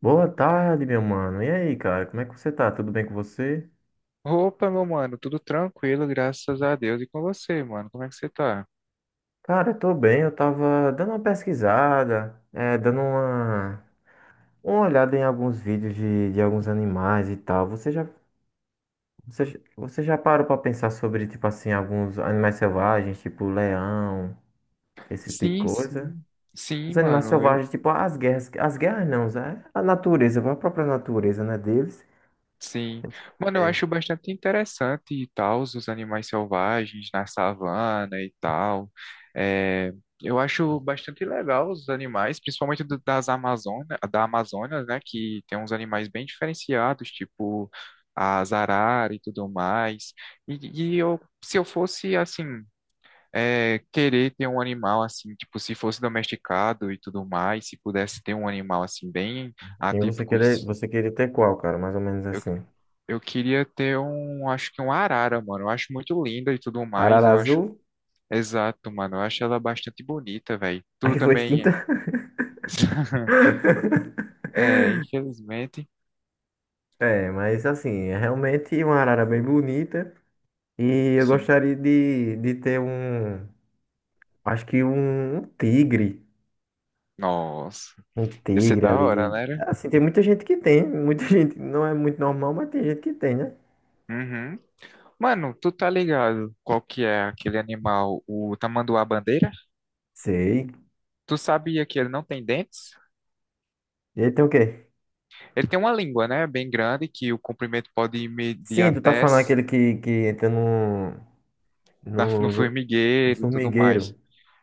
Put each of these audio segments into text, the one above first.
Boa tarde, meu mano. E aí, cara, como é que você tá? Tudo bem com você? Opa, meu mano, tudo tranquilo, graças a Deus. E com você, mano, como é que você tá? Cara, eu tô bem. Eu tava dando uma pesquisada, é, dando uma olhada em alguns vídeos de alguns animais e tal. Você já parou pra pensar sobre, tipo assim, alguns animais selvagens, tipo leão, esse tipo de Sim, coisa? sim. Sim, Os animais mano, eu. selvagens, tipo as guerras não, é a natureza, a própria natureza, né, deles. Sim. Mano, eu É. acho bastante interessante e tal, os animais selvagens na savana e tal. É, eu acho bastante legal os animais, principalmente das Amazônia, da Amazonas, né? Que tem uns animais bem diferenciados, tipo as araras e tudo mais. E eu, se eu fosse assim. É, querer ter um animal assim, tipo, se fosse domesticado e tudo mais, se pudesse ter um animal assim, bem Quem você atípico, querer, você queria ter qual, cara? Mais ou menos eu, assim. eu queria ter um, acho que um arara, mano. Eu acho muito linda e tudo mais, Arara eu acho, azul, exato, mano. Eu acho ela bastante bonita, velho. Tu aí foi também, extinta. é, infelizmente, É, mas assim, é realmente uma arara bem bonita. E eu sim. gostaria de ter um, acho que um tigre. Nossa, Um ia ser tigre da ali hora, de. né? Né? Assim, tem muita gente que tem. Muita gente, não é muito normal, mas tem gente que tem, né? Uhum. Mano, tu tá ligado qual que é aquele animal, o tamanduá-bandeira? Sei. Tu sabia que ele não tem dentes? E aí tem o quê? Ele tem uma língua, né? Bem grande, que o comprimento pode medir Sim, tu tá até falando s- aquele que entra no, no no, no formigueiro e tudo mais. formigueiro.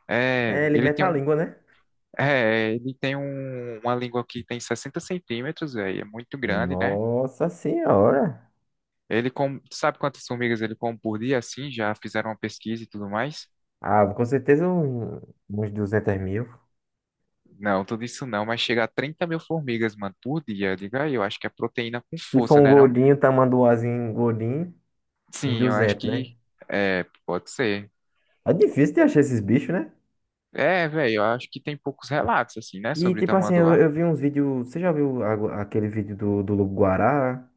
É, É, ele ele mete tem a um, língua, né? é, ele tem uma língua que tem 60 cm, véi, é muito grande, né? Nossa senhora. Sabe quantas formigas ele come por dia, assim? Já fizeram uma pesquisa e tudo mais? Ah, com certeza uns 200.000. Não, tudo isso não, mas chega a 30.000 formigas, mano, por dia. Diga aí, eu acho que é proteína com Se for força, um né, não? gordinho, tamanduazinho, gordinho, uns Sim, eu acho duzentos né? que é, pode ser. É difícil de achar esses bichos, né? É, velho, eu acho que tem poucos relatos, assim, né, E, sobre tipo assim, tamanduá. eu vi uns vídeos. Você já viu aquele vídeo do Lobo-Guará?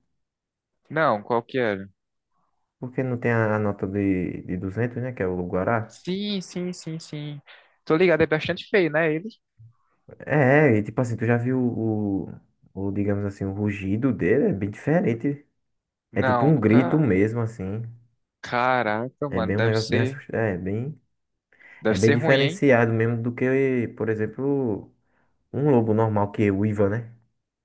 Não, qual que era? Porque não tem a nota de 200, né? Que é o Lobo-Guará. Sim, sim, sim, sim. Tô ligado, é bastante feio, né, ele? E, tipo assim, tu já viu o, digamos assim, o rugido dele? É bem diferente. É tipo Não, um grito nunca. mesmo, assim. Caraca, É mano, bem um deve negócio bem ser, assustador. É bem, é deve bem ser ruim, hein? diferenciado mesmo do que, por exemplo, um lobo normal que é uiva, né?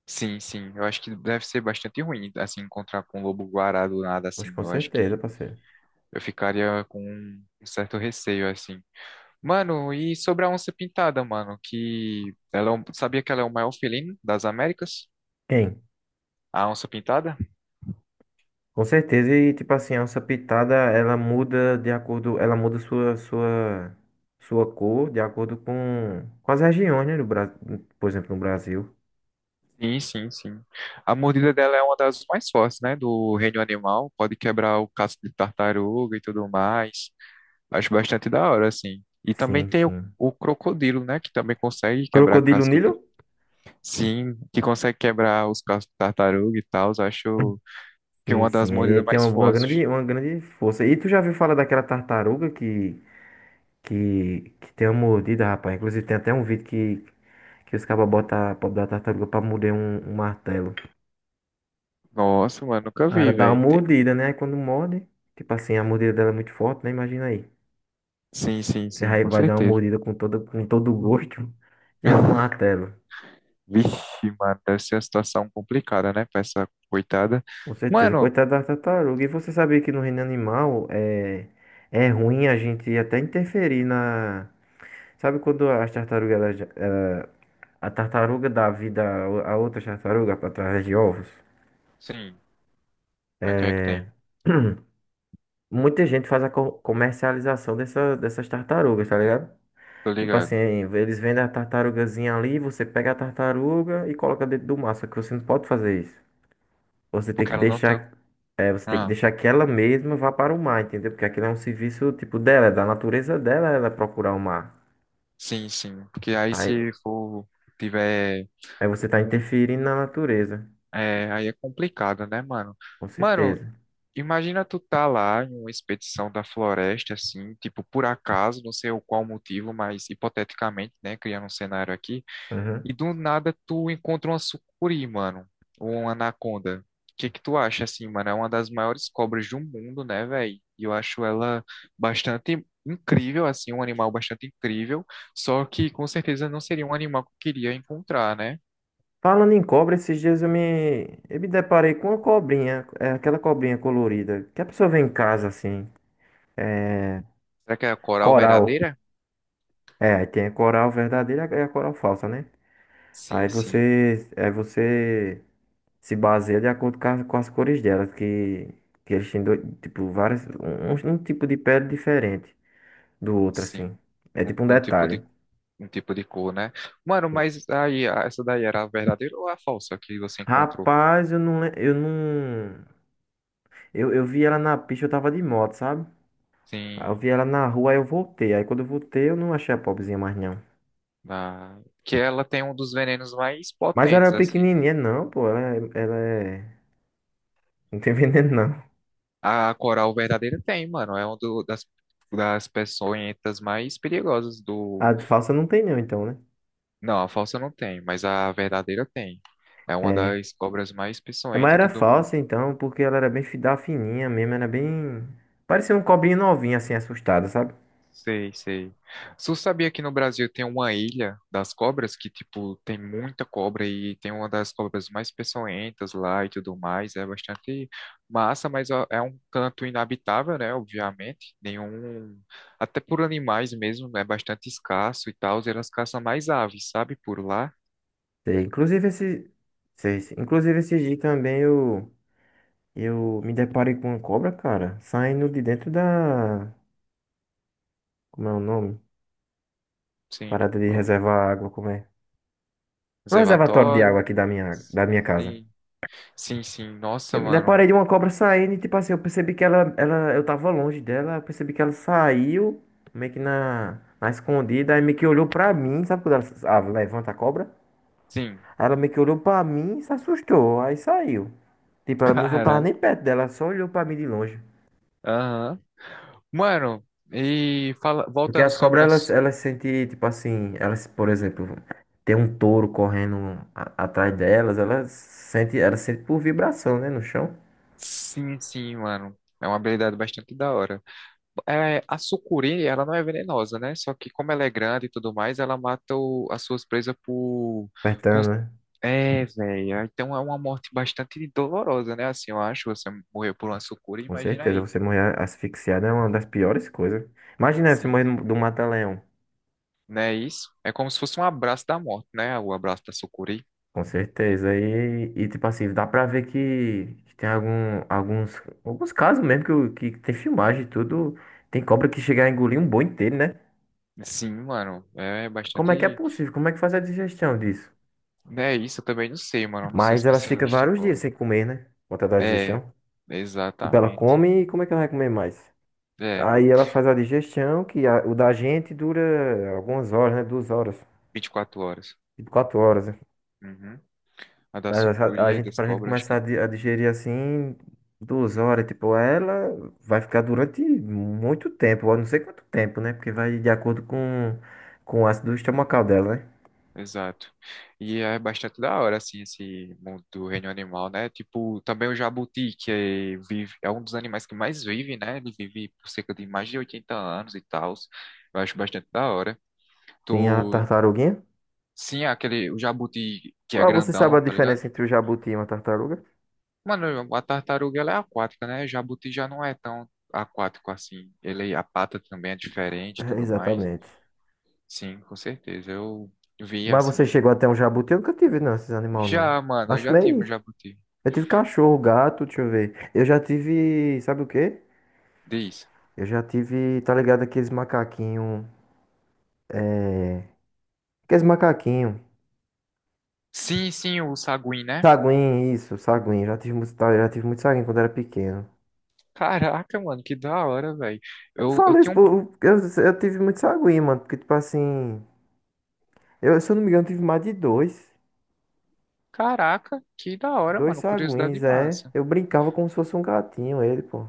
Sim, sim, eu acho que deve ser bastante ruim, assim, encontrar com um lobo-guará do nada, Pois assim. com Eu acho certeza, que parceiro. eu ficaria com um certo receio, assim. Mano, e sobre a onça pintada, mano, que ela é um- sabia que ela é o maior felino das Américas? Tem, A onça pintada? com certeza. E tipo assim, a onça pitada, ela muda de acordo, ela muda sua cor de acordo com as, regiões, né, do Brasil, por exemplo, no Brasil. Sim, sim, sim. A mordida dela é uma das mais fortes, né? Do reino animal. Pode quebrar o casco de tartaruga e tudo mais. Acho bastante da hora, assim. E também Sim, tem o, sim. o crocodilo, né? Que também consegue quebrar Crocodilo casco Nilo? de. Sim, que consegue quebrar os cascos de tartaruga e tal. Acho que é Sim, uma das sim. Ele mordidas tem mais uma, uma fortes. grande uma grande força. E tu já viu falar daquela tartaruga que tem uma mordida, rapaz? Inclusive tem até um vídeo que os cabas botam a pobre da tartaruga pra morder um martelo. Nossa, mano, nunca A Ela vi, dá uma velho. mordida, né? Aí quando morde, tipo assim, a mordida dela é muito forte, né? Imagina aí. Sim, sim, Você sim, vai com vai dar uma certeza. mordida com todo o gosto e é um martelo. Vixe, mano, deve ser uma situação complicada, né? Pra essa coitada. Com certeza. Mano, Coitada da tartaruga. E você sabia que no reino animal é ruim a gente até interferir na. Sabe quando as tartarugas, a tartaruga dá vida a outra tartaruga através de ovos? sim, o que é que É. tem? Muita gente faz a comercialização dessas tartarugas, tá ligado? Tô Tipo assim, ligado. eles vendem a tartarugazinha ali, você pega a tartaruga e coloca dentro do mar, só que você não pode fazer isso. Você tem Porque que ela não tá. deixar, você tem que Ah, deixar que ela mesma vá para o mar, entendeu? Porque aquilo é um serviço tipo dela, é da natureza dela ela procurar o mar. sim, sim. Porque aí Aí, se for. Tiver. aí você tá um- interferindo na natureza, É, aí é complicado, né, mano? com Mano, certeza. imagina tu tá lá em uma expedição da floresta, assim, tipo, por acaso, não sei o qual motivo, mas hipoteticamente, né, criando um cenário aqui. E Uhum. do nada tu encontra uma sucuri, mano. Ou uma anaconda. O que que tu acha, assim, mano? É uma das maiores cobras do mundo, né, velho? E eu acho ela bastante incrível, assim, um animal bastante incrível. Só que com certeza não seria um animal que eu queria encontrar, né? Falando em cobra, esses dias eu me deparei com uma cobrinha, é aquela cobrinha colorida, que a pessoa vê em casa assim, Será que é a coral coral. verdadeira? É, aí tem a coral verdadeira e a coral falsa, né? Aí Sim, sim, você, aí você se baseia de acordo com as, cores delas, que eles têm dois, tipo, várias, um tipo de pele diferente do outro, sim. assim. É tipo um Um, um tipo detalhe. de, um tipo de cor, né? Mano, Sim. mas aí, essa daí era a verdadeira ou a falsa que você encontrou? Rapaz, eu não, le- eu não, eu vi ela na pista, eu tava de moto, sabe? Aí eu Sim. vi ela na rua, aí eu voltei. Aí quando eu voltei, eu não achei a pobrezinha mais, não. Da... Que ela tem um dos venenos mais Mas ela é potentes, assim, né? pequenininha, não, pô, ela, ela é, não tem veneno, não. A coral verdadeira tem, mano. É uma das peçonhentas mais perigosas do. A falsa não tem, não, então, né? Não, a falsa não tem, mas a verdadeira tem. É uma É. das cobras mais É, mas peçonhentas e era tudo. falsa então, porque ela era bem da fininha mesmo, era bem. Parecia um cobrinho novinho, assim, assustado, sabe? Sei, sei. Você sabia que no Brasil tem uma ilha das cobras que, tipo, tem muita cobra e tem uma das cobras mais peçonhentas lá e tudo mais. É bastante massa, mas ó, é um canto inabitável, né? Obviamente. Nenhum. Até por animais mesmo, é bastante escasso e tal. E elas caçam mais aves, sabe? Por lá. Sei, inclusive esse. Sei. Inclusive esse dia também eu. Eu me deparei com uma cobra, cara, saindo de dentro da. Como é o nome? Sim. Parada de Ó, reservar água, como é? No reservatório de água reservatório. aqui da minha casa. Sim. Sim, sim. Eu Nossa, me deparei mano. de uma cobra saindo e, tipo assim, eu percebi que eu tava longe dela, eu percebi que ela saiu, meio que na escondida, aí meio que olhou pra mim, sabe quando ela ah, levanta a cobra? Sim. Aí ela meio que olhou pra mim e se assustou, aí saiu. Tipo, ela não tava Caraca. nem perto dela, ela só olhou pra mim de longe. Aham. Mano, e Porque voltando as sobre cobras, elas, as. elas sentem, tipo assim, elas, por exemplo, tem um touro correndo atrás delas, elas sentem por vibração, né, no chão, Sim, sim, mano. É uma habilidade bastante da hora. É, a sucuri, ela não é venenosa, né? Só que como ela é grande e tudo mais, ela mata as suas presas por... Com- apertando, né? é, velho. Então é uma morte bastante dolorosa, né? Assim, eu acho, você morrer por uma sucuri, Com imagina certeza, aí. você morrer asfixiado é uma das piores coisas. Imagina aí, você Sim. morrer do mata-leão. Não é isso? É como se fosse um abraço da morte, né? O abraço da sucuri. Com certeza. E tipo assim, dá pra ver que tem alguns casos mesmo que tem filmagem e tudo. Tem cobra que chega a engolir um boi inteiro, né? Sim, mano. É Como é que é bastante... possível? Como é que faz a digestão disso? Não é isso? Eu também não sei, mano. Eu não sou Mas elas ficam especialista em vários dias cobra. sem comer, né? Por conta da É, digestão. Tipo, ela exatamente. come e como é que ela vai comer mais? É, Aí ela faz a digestão, que o da gente dura algumas horas, né? 2 horas, 24 horas. tipo 4 horas. Né? Uhum. A da Mas sucuri, a das pra gente cobras, acho começar que. a digerir assim, 2 horas, tipo, ela vai ficar durante muito tempo, eu não sei quanto tempo, né? Porque vai de acordo com o ácido estomacal dela, né? Exato. E é bastante da hora, assim, esse mundo do reino animal, né? Tipo, também o jabuti, que é, vive, é um dos animais que mais vive, né? Ele vive por cerca de mais de 80 anos e tal. Eu acho bastante da hora. Tem a Tu, tartaruguinha. sim, aquele, o jabuti que é Qual você sabe a grandão, tá ligado? diferença entre o jabuti e uma tartaruga? Mano, a tartaruga ela é aquática, né? Jabuti já não é tão aquático assim. Ele, a pata também é diferente e É, tudo mais. exatamente. Sim, com certeza. Eu vi Mas você assim. Né? chegou até um jabuti? Eu nunca tive, não, esses animais, não. Já, mano, eu Acho já tive um meio. jabuti. Eu tive cachorro, gato, deixa eu ver. Eu já tive. Sabe o quê? Diz. Eu já tive, tá ligado, aqueles macaquinhos. Aqueles macaquinhos. Sim, sim, o saguim, né? Saguinho, isso, saguinho. Já tive muito, tá, já tive muito saguinho quando era pequeno. Caraca, mano, que da hora, velho. Eu Eu falo isso, tinha um. pô, eu tive muito saguinho, mano. Porque, tipo assim, eu, se eu não me engano, tive mais de dois. Caraca, que da hora, Dois mano. Curiosidade saguinhos, é. massa. Eu brincava como se fosse um gatinho, ele, pô.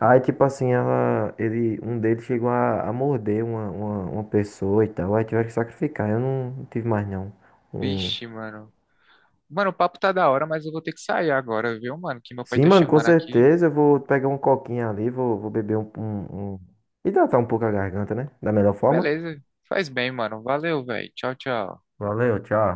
Aí, tipo assim, ela, ele, um deles chegou a morder uma pessoa e tal. Aí tiveram que sacrificar. Eu não, não tive mais, não. Um... Vixe, mano. Mano, o papo tá da hora, mas eu vou ter que sair agora, viu, mano? Que meu pai Sim, tá mano, com chamando aqui. certeza. Eu vou pegar um coquinho ali, vou beber um, um, um. Hidratar um pouco a garganta, né? Da melhor forma. Beleza. Faz bem, mano. Valeu, velho. Tchau, tchau. Valeu, tchau.